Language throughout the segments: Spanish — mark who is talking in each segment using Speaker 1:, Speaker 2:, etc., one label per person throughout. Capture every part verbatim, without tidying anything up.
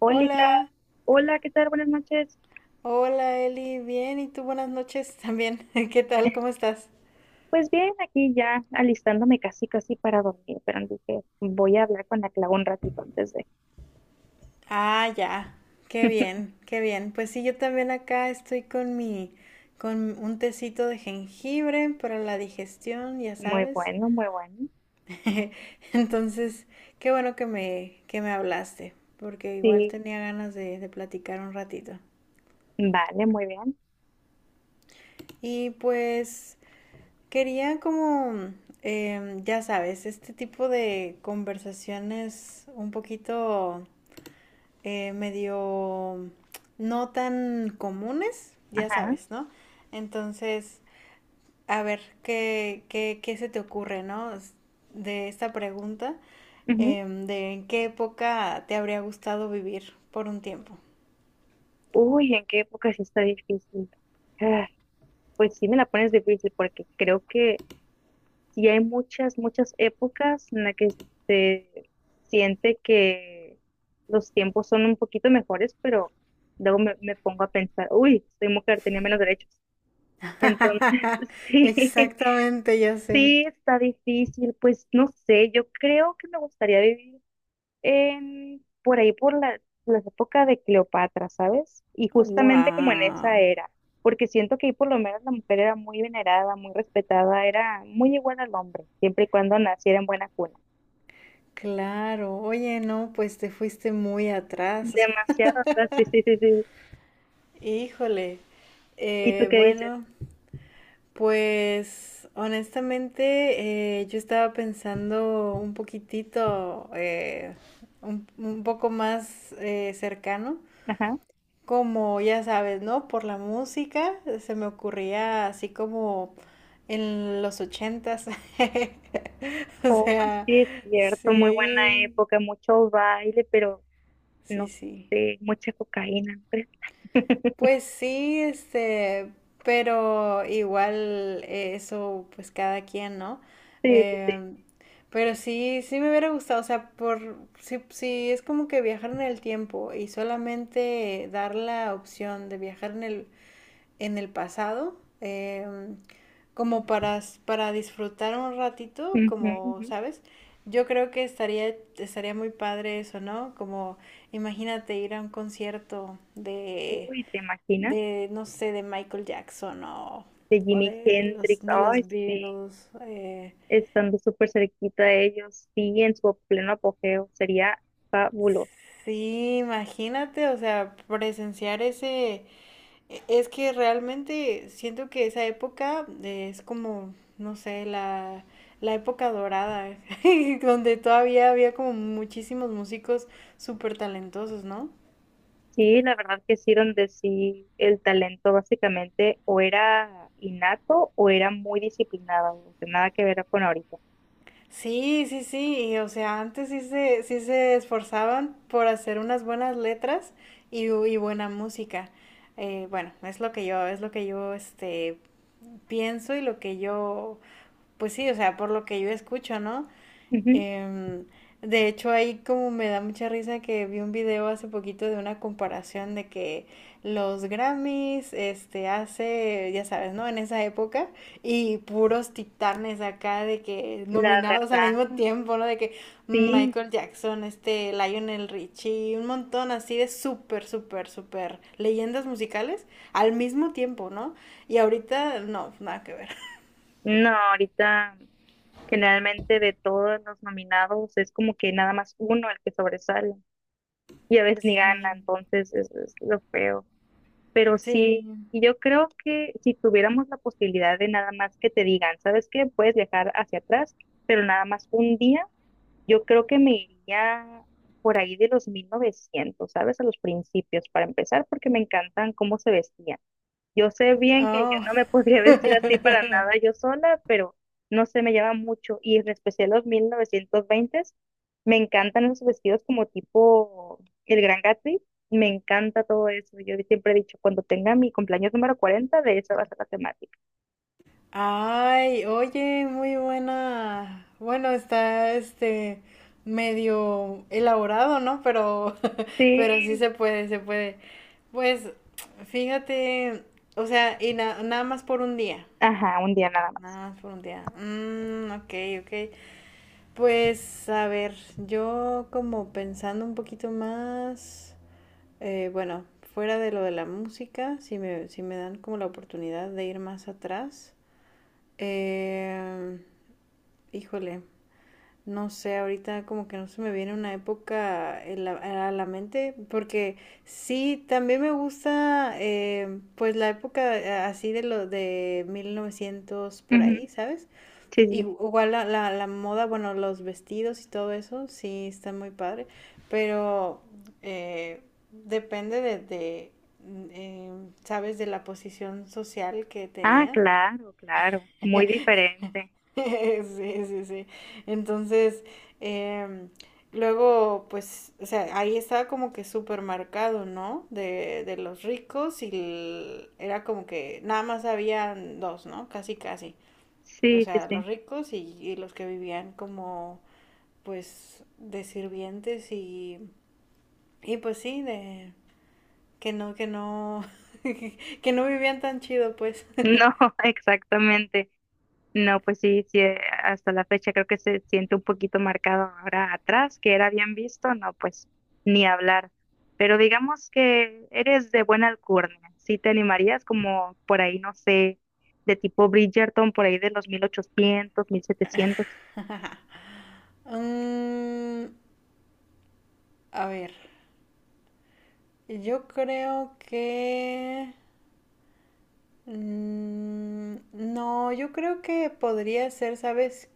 Speaker 1: Hola, Gla-
Speaker 2: Hola,
Speaker 1: hola, ¿qué tal? Buenas noches.
Speaker 2: hola Eli, bien, y tú buenas noches también. ¿Qué tal? ¿Cómo estás?
Speaker 1: Pues bien, aquí ya alistándome casi casi para dormir, pero dije, voy a hablar con la Clau un ratito antes de.
Speaker 2: Ah, ya, qué bien, qué bien. Pues sí, yo también acá estoy con mi, con un tecito de jengibre para la digestión, ya
Speaker 1: Muy
Speaker 2: sabes.
Speaker 1: bueno, muy bueno.
Speaker 2: Entonces, qué bueno que me, que me hablaste, porque igual
Speaker 1: Sí,
Speaker 2: tenía ganas de, de platicar un ratito.
Speaker 1: vale, muy bien.
Speaker 2: Y pues, quería como, mm, em, ya sabes, este tipo de conversaciones un poquito eh, medio no tan comunes, ya
Speaker 1: Ajá.
Speaker 2: sabes, ¿no? Entonces, a ver, ¿qué, qué, ¿qué se te ocurre, ¿no? S- De esta pregunta,
Speaker 1: Ujú.
Speaker 2: em, de en qué época te habría gustado vivir por un tiempo.
Speaker 1: Uy, ¿en qué época sí está difícil? Ah, pues sí me la pones difícil porque creo que sí hay muchas, muchas épocas en las que se siente que los tiempos son un poquito mejores, pero luego me, me pongo a pensar, uy, soy mujer, tenía menos derechos. Entonces, sí,
Speaker 2: Exactamente, ya sé.
Speaker 1: sí, está difícil, pues no sé, yo creo que me gustaría vivir en, por ahí por la, las épocas de Cleopatra, ¿sabes? Y justamente como en esa
Speaker 2: Wow.
Speaker 1: era, porque siento que ahí por lo menos la mujer era muy venerada, muy respetada, era muy igual al hombre, siempre y cuando naciera en buena cuna.
Speaker 2: Claro, oye, no, pues te fuiste muy atrás.
Speaker 1: Demasiado, ¿verdad? Sí, sí, sí, sí.
Speaker 2: Híjole.
Speaker 1: ¿Y tú
Speaker 2: Eh,
Speaker 1: qué dices?
Speaker 2: bueno, pues honestamente, eh, yo estaba pensando un poquitito, eh, un, un poco más eh, cercano.
Speaker 1: Ajá.
Speaker 2: Como ya sabes, ¿no? Por la música se me ocurría así como en los ochentas. O
Speaker 1: Oh,
Speaker 2: sea,
Speaker 1: sí, es cierto, muy buena
Speaker 2: sí,
Speaker 1: época, mucho baile, pero
Speaker 2: sí,
Speaker 1: no
Speaker 2: sí.
Speaker 1: sé, mucha cocaína. ¿No crees?
Speaker 2: Pues sí, este, pero igual, eh, eso, pues cada quien, ¿no?
Speaker 1: Sí, sí, sí.
Speaker 2: Em, pero sí, sí me hubiera gustado, o sea, por, sí, sí, es como que viajar en el tiempo y solamente dar la opción de viajar en el, en el pasado, em, como para, s- para disfrutar un ratito,
Speaker 1: Ujú,
Speaker 2: como,
Speaker 1: ujú.
Speaker 2: ¿sabes? Yo creo que estaría, estaría muy padre eso, ¿no? Como, imagínate ir a un concierto de
Speaker 1: Uy, ¿te imaginas?
Speaker 2: de, no sé, de Michael Jackson o,
Speaker 1: De
Speaker 2: o
Speaker 1: Jimi
Speaker 2: de, de los,
Speaker 1: Hendrix,
Speaker 2: de
Speaker 1: ay,
Speaker 2: los
Speaker 1: sí.
Speaker 2: Beatles. Eh,
Speaker 1: Estando súper cerquita de ellos, sí, en su pleno apogeo, sería fabuloso.
Speaker 2: sí, imagínate, o sea, presenciar ese. e- Es que realmente siento que esa época, eh, es como, no sé, la, la época dorada, donde todavía había como muchísimos músicos súper talentosos, ¿no?
Speaker 1: Sí, la verdad que sí, donde sí el talento básicamente o era innato o era muy disciplinado, o sea, nada que ver con ahorita.
Speaker 2: Sí, sí, sí, y, o sea, antes sí se, sí se esforzaban por hacer unas buenas letras y, bu- y buena música. Eh, bueno, es lo que yo, es lo que yo, este, pienso y lo que yo, pues sí, o sea, por lo que yo escucho, ¿no?
Speaker 1: Ujú.
Speaker 2: Em, de hecho, ahí como me da mucha risa que vi un video hace poquito de una comparación de que los Grammys, este, hace, ya sabes, ¿no? En esa época, y puros titanes acá de que
Speaker 1: La
Speaker 2: nominados al mismo
Speaker 1: verdad,
Speaker 2: tiempo, ¿no? De que
Speaker 1: sí,
Speaker 2: Michael Jackson, este, Lionel Richie, un montón así de súper, súper, súper leyendas musicales al mismo tiempo, ¿no? Y ahorita, no, nada que ver.
Speaker 1: no, ahorita generalmente de todos los nominados es como que nada más uno el que sobresale y a veces ni gana,
Speaker 2: Sí,
Speaker 1: entonces es, es lo feo. Pero sí,
Speaker 2: sí.
Speaker 1: y yo creo que si tuviéramos la posibilidad de nada más que te digan, ¿sabes qué? Puedes viajar hacia atrás, pero nada más un día, yo creo que me iría por ahí de los mil novecientos, ¿sabes? A los principios, para empezar, porque me encantan cómo se vestían. Yo sé bien que yo
Speaker 2: Oh.
Speaker 1: no me podría vestir así para nada yo sola, pero no sé, me llama mucho. Y en especial los mil novecientos s me encantan esos vestidos como tipo el Gran Gatsby. Me encanta todo eso. Yo siempre he dicho, cuando tenga mi cumpleaños número cuarenta, de eso va a ser la temática.
Speaker 2: Ay, oye, muy buena. Bueno, está este medio elaborado, ¿no? Pero, pero sí
Speaker 1: Sí,
Speaker 2: se puede, se puede. Pues, fíjate, o sea, y na- nada más por un día.
Speaker 1: ajá, un día nada más.
Speaker 2: Nada más por un día. Mm, ok, ok. Pues, a ver, yo como pensando un poquito más. Eh, bueno, fuera de lo de la música, si me, si me dan como la oportunidad de ir más atrás, eh, híjole, no sé, ahorita como que no se me viene una época en la- a la mente, porque sí, también me gusta, eh, pues la época, eh, así de lo de mil novecientos por ahí,
Speaker 1: Ujú,
Speaker 2: ¿sabes?
Speaker 1: sí, sí.
Speaker 2: Igual la, la, la moda, bueno, los vestidos y todo eso, sí, está muy padre, pero, eh, depende de, de, eh, sabes, de la posición social que
Speaker 1: Ah,
Speaker 2: tenías.
Speaker 1: claro, claro. Muy diferente.
Speaker 2: Sí, sí, sí. Entonces, em, luego, pues, o sea, ahí estaba como que súper marcado, ¿no? De, de los ricos y el- era como que nada más habían dos, ¿no? Casi, casi. O
Speaker 1: Sí, sí,
Speaker 2: sea, los
Speaker 1: sí.
Speaker 2: ricos y, y los que vivían como pues de sirvientes y, y pues sí, de que no, que no, que no vivían tan chido pues.
Speaker 1: No, exactamente. No, pues sí, sí, eh, hasta la fecha creo que se siente un poquito marcado ahora atrás, que era bien visto, no, pues ni hablar. Pero digamos que eres de buena alcurnia, sí te animarías como por ahí, no sé, de tipo Bridgerton, por ahí de los mil ochocientos, mil setecientos.
Speaker 2: Mm, a ver, yo creo que mm, no, yo creo que podría ser, ¿sabes?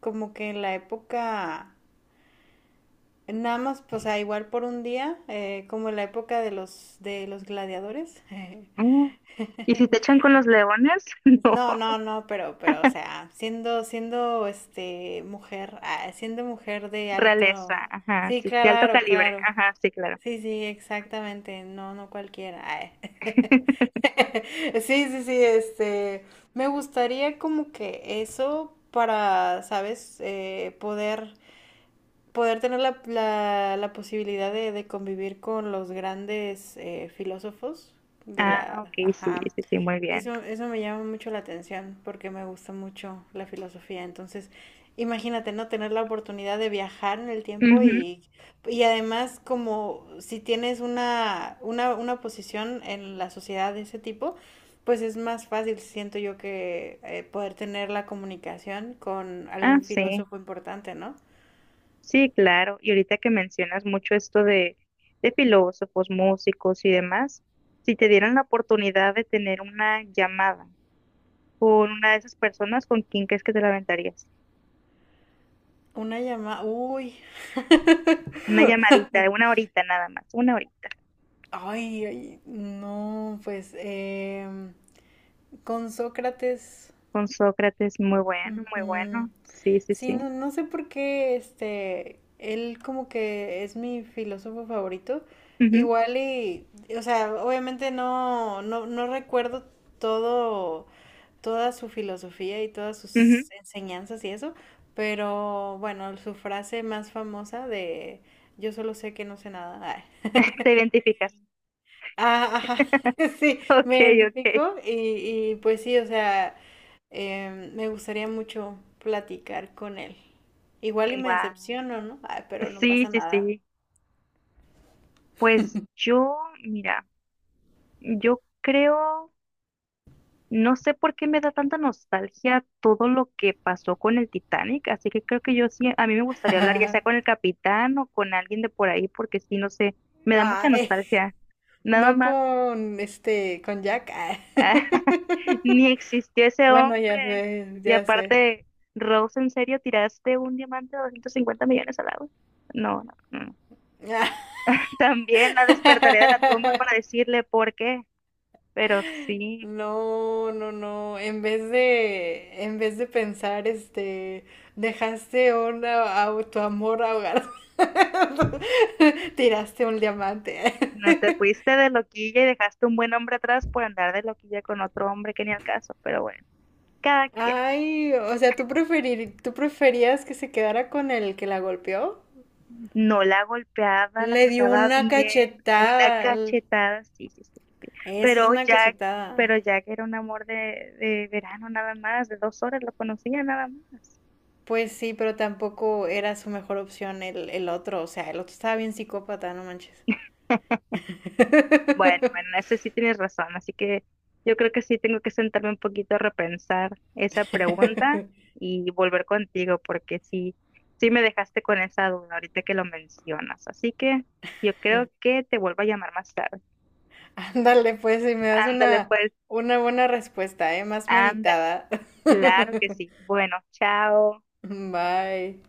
Speaker 2: Como que en la época. Nada más, pues, ah, igual por un día, eh, como en la época de los, de los gladiadores. eh,
Speaker 1: Mm. Y si te echan con los leones, no,
Speaker 2: No, no, no, pero, pero, o sea, siendo, siendo, este, mujer, ah, siendo mujer de
Speaker 1: realeza,
Speaker 2: alto,
Speaker 1: ajá,
Speaker 2: sí,
Speaker 1: sí, de alto
Speaker 2: claro,
Speaker 1: calibre,
Speaker 2: claro,
Speaker 1: ajá, sí, claro.
Speaker 2: sí, sí, exactamente, no, no cualquiera, ay. Sí, sí, sí, este, me gustaría como que eso para, ¿sabes? Eh, poder, poder tener la, la, la posibilidad de, de convivir con los grandes, eh, filósofos de
Speaker 1: Ah,
Speaker 2: la,
Speaker 1: ok, sí,
Speaker 2: ajá.
Speaker 1: sí, sí, muy bien.
Speaker 2: Eso, eso me llama mucho la atención porque me gusta mucho la filosofía. Entonces, imagínate, ¿no? Tener la oportunidad de viajar en el tiempo
Speaker 1: Ujú,
Speaker 2: y, y además como si tienes una, una, una posición en la sociedad de ese tipo, pues es más fácil, siento yo, que, eh, poder tener la comunicación con
Speaker 1: ah,
Speaker 2: algún
Speaker 1: sí.
Speaker 2: filósofo importante, ¿no?
Speaker 1: Sí, claro. Y ahorita que mencionas mucho esto de, de, filósofos, músicos y demás, si te dieran la oportunidad de tener una llamada con una de esas personas, ¿con quién crees que te la aventarías?
Speaker 2: Una llamada, uy,
Speaker 1: Una llamadita, de una horita nada más, una horita.
Speaker 2: ay, ay, no, pues, em, con Sócrates.
Speaker 1: Con Sócrates, muy bueno, muy
Speaker 2: Ujú.
Speaker 1: bueno. Sí, sí,
Speaker 2: Sí,
Speaker 1: sí.
Speaker 2: no, no sé por qué, este, él como que es mi filósofo favorito.
Speaker 1: Ujú,
Speaker 2: Igual y, o sea, obviamente no, no, no recuerdo todo, toda su filosofía y todas
Speaker 1: ujú.
Speaker 2: sus enseñanzas y eso, pero bueno, su frase más famosa de yo solo sé que no sé nada. Ay.
Speaker 1: Te identificas.
Speaker 2: Ah, ajá, sí,
Speaker 1: Ok,
Speaker 2: me
Speaker 1: ok.
Speaker 2: identifico y, y pues sí, o sea, eh, me gustaría mucho platicar con él. Igual y me
Speaker 1: Wow.
Speaker 2: decepciono, ¿no? Ay, pero no
Speaker 1: Sí,
Speaker 2: pasa
Speaker 1: sí,
Speaker 2: nada.
Speaker 1: sí. Pues yo, mira, yo creo. No sé por qué me da tanta nostalgia todo lo que pasó con el Titanic, así que creo que yo sí, a mí me gustaría hablar ya sea con el capitán o con alguien de por ahí, porque sí, no sé, me da mucha
Speaker 2: Ay,
Speaker 1: nostalgia. Nada
Speaker 2: no
Speaker 1: más,
Speaker 2: con este, con Jack. Ay.
Speaker 1: ni existió ese
Speaker 2: Bueno, ya
Speaker 1: hombre.
Speaker 2: sé,
Speaker 1: Y
Speaker 2: ya sé.
Speaker 1: aparte, Rose, ¿en serio tiraste un diamante de 250 millones al agua? No, no, no. También la despertaré de la tumba para decirle por qué, pero sí.
Speaker 2: No, no, no. En vez de, en vez de pensar, este, dejaste una, a tu amor ahogar. Tiraste un diamante.
Speaker 1: No te fuiste de loquilla y dejaste un buen hombre atrás por andar de loquilla con otro hombre que ni al caso, pero bueno, cada quien.
Speaker 2: Ay, o sea, ¿tú preferir, tú preferías que se quedara con el que la golpeó?
Speaker 1: No la golpeaba, la
Speaker 2: Le dio
Speaker 1: trataba
Speaker 2: una
Speaker 1: bien, una
Speaker 2: cachetada. l-
Speaker 1: cachetada, sí, sí, sí, sí. Sí.
Speaker 2: Eso es
Speaker 1: Pero
Speaker 2: una
Speaker 1: Jack,
Speaker 2: cachetada.
Speaker 1: pero Jack era un amor de, de, verano nada más, de dos horas lo conocía nada más.
Speaker 2: Pues sí, pero tampoco era su mejor opción el, el otro. O sea, el otro estaba bien psicópata, no manches.
Speaker 1: Bueno, bueno, eso sí tienes razón, así que yo creo que sí tengo que sentarme un poquito a repensar esa pregunta y volver contigo, porque sí, sí me dejaste con esa duda ahorita que lo mencionas, así que yo creo que te vuelvo a llamar más tarde.
Speaker 2: Ándale, pues, si me das
Speaker 1: Ándale,
Speaker 2: una,
Speaker 1: pues,
Speaker 2: una buena respuesta, ¿eh? Más
Speaker 1: ándale,
Speaker 2: meditada.
Speaker 1: claro que sí. Bueno, chao.
Speaker 2: Bye.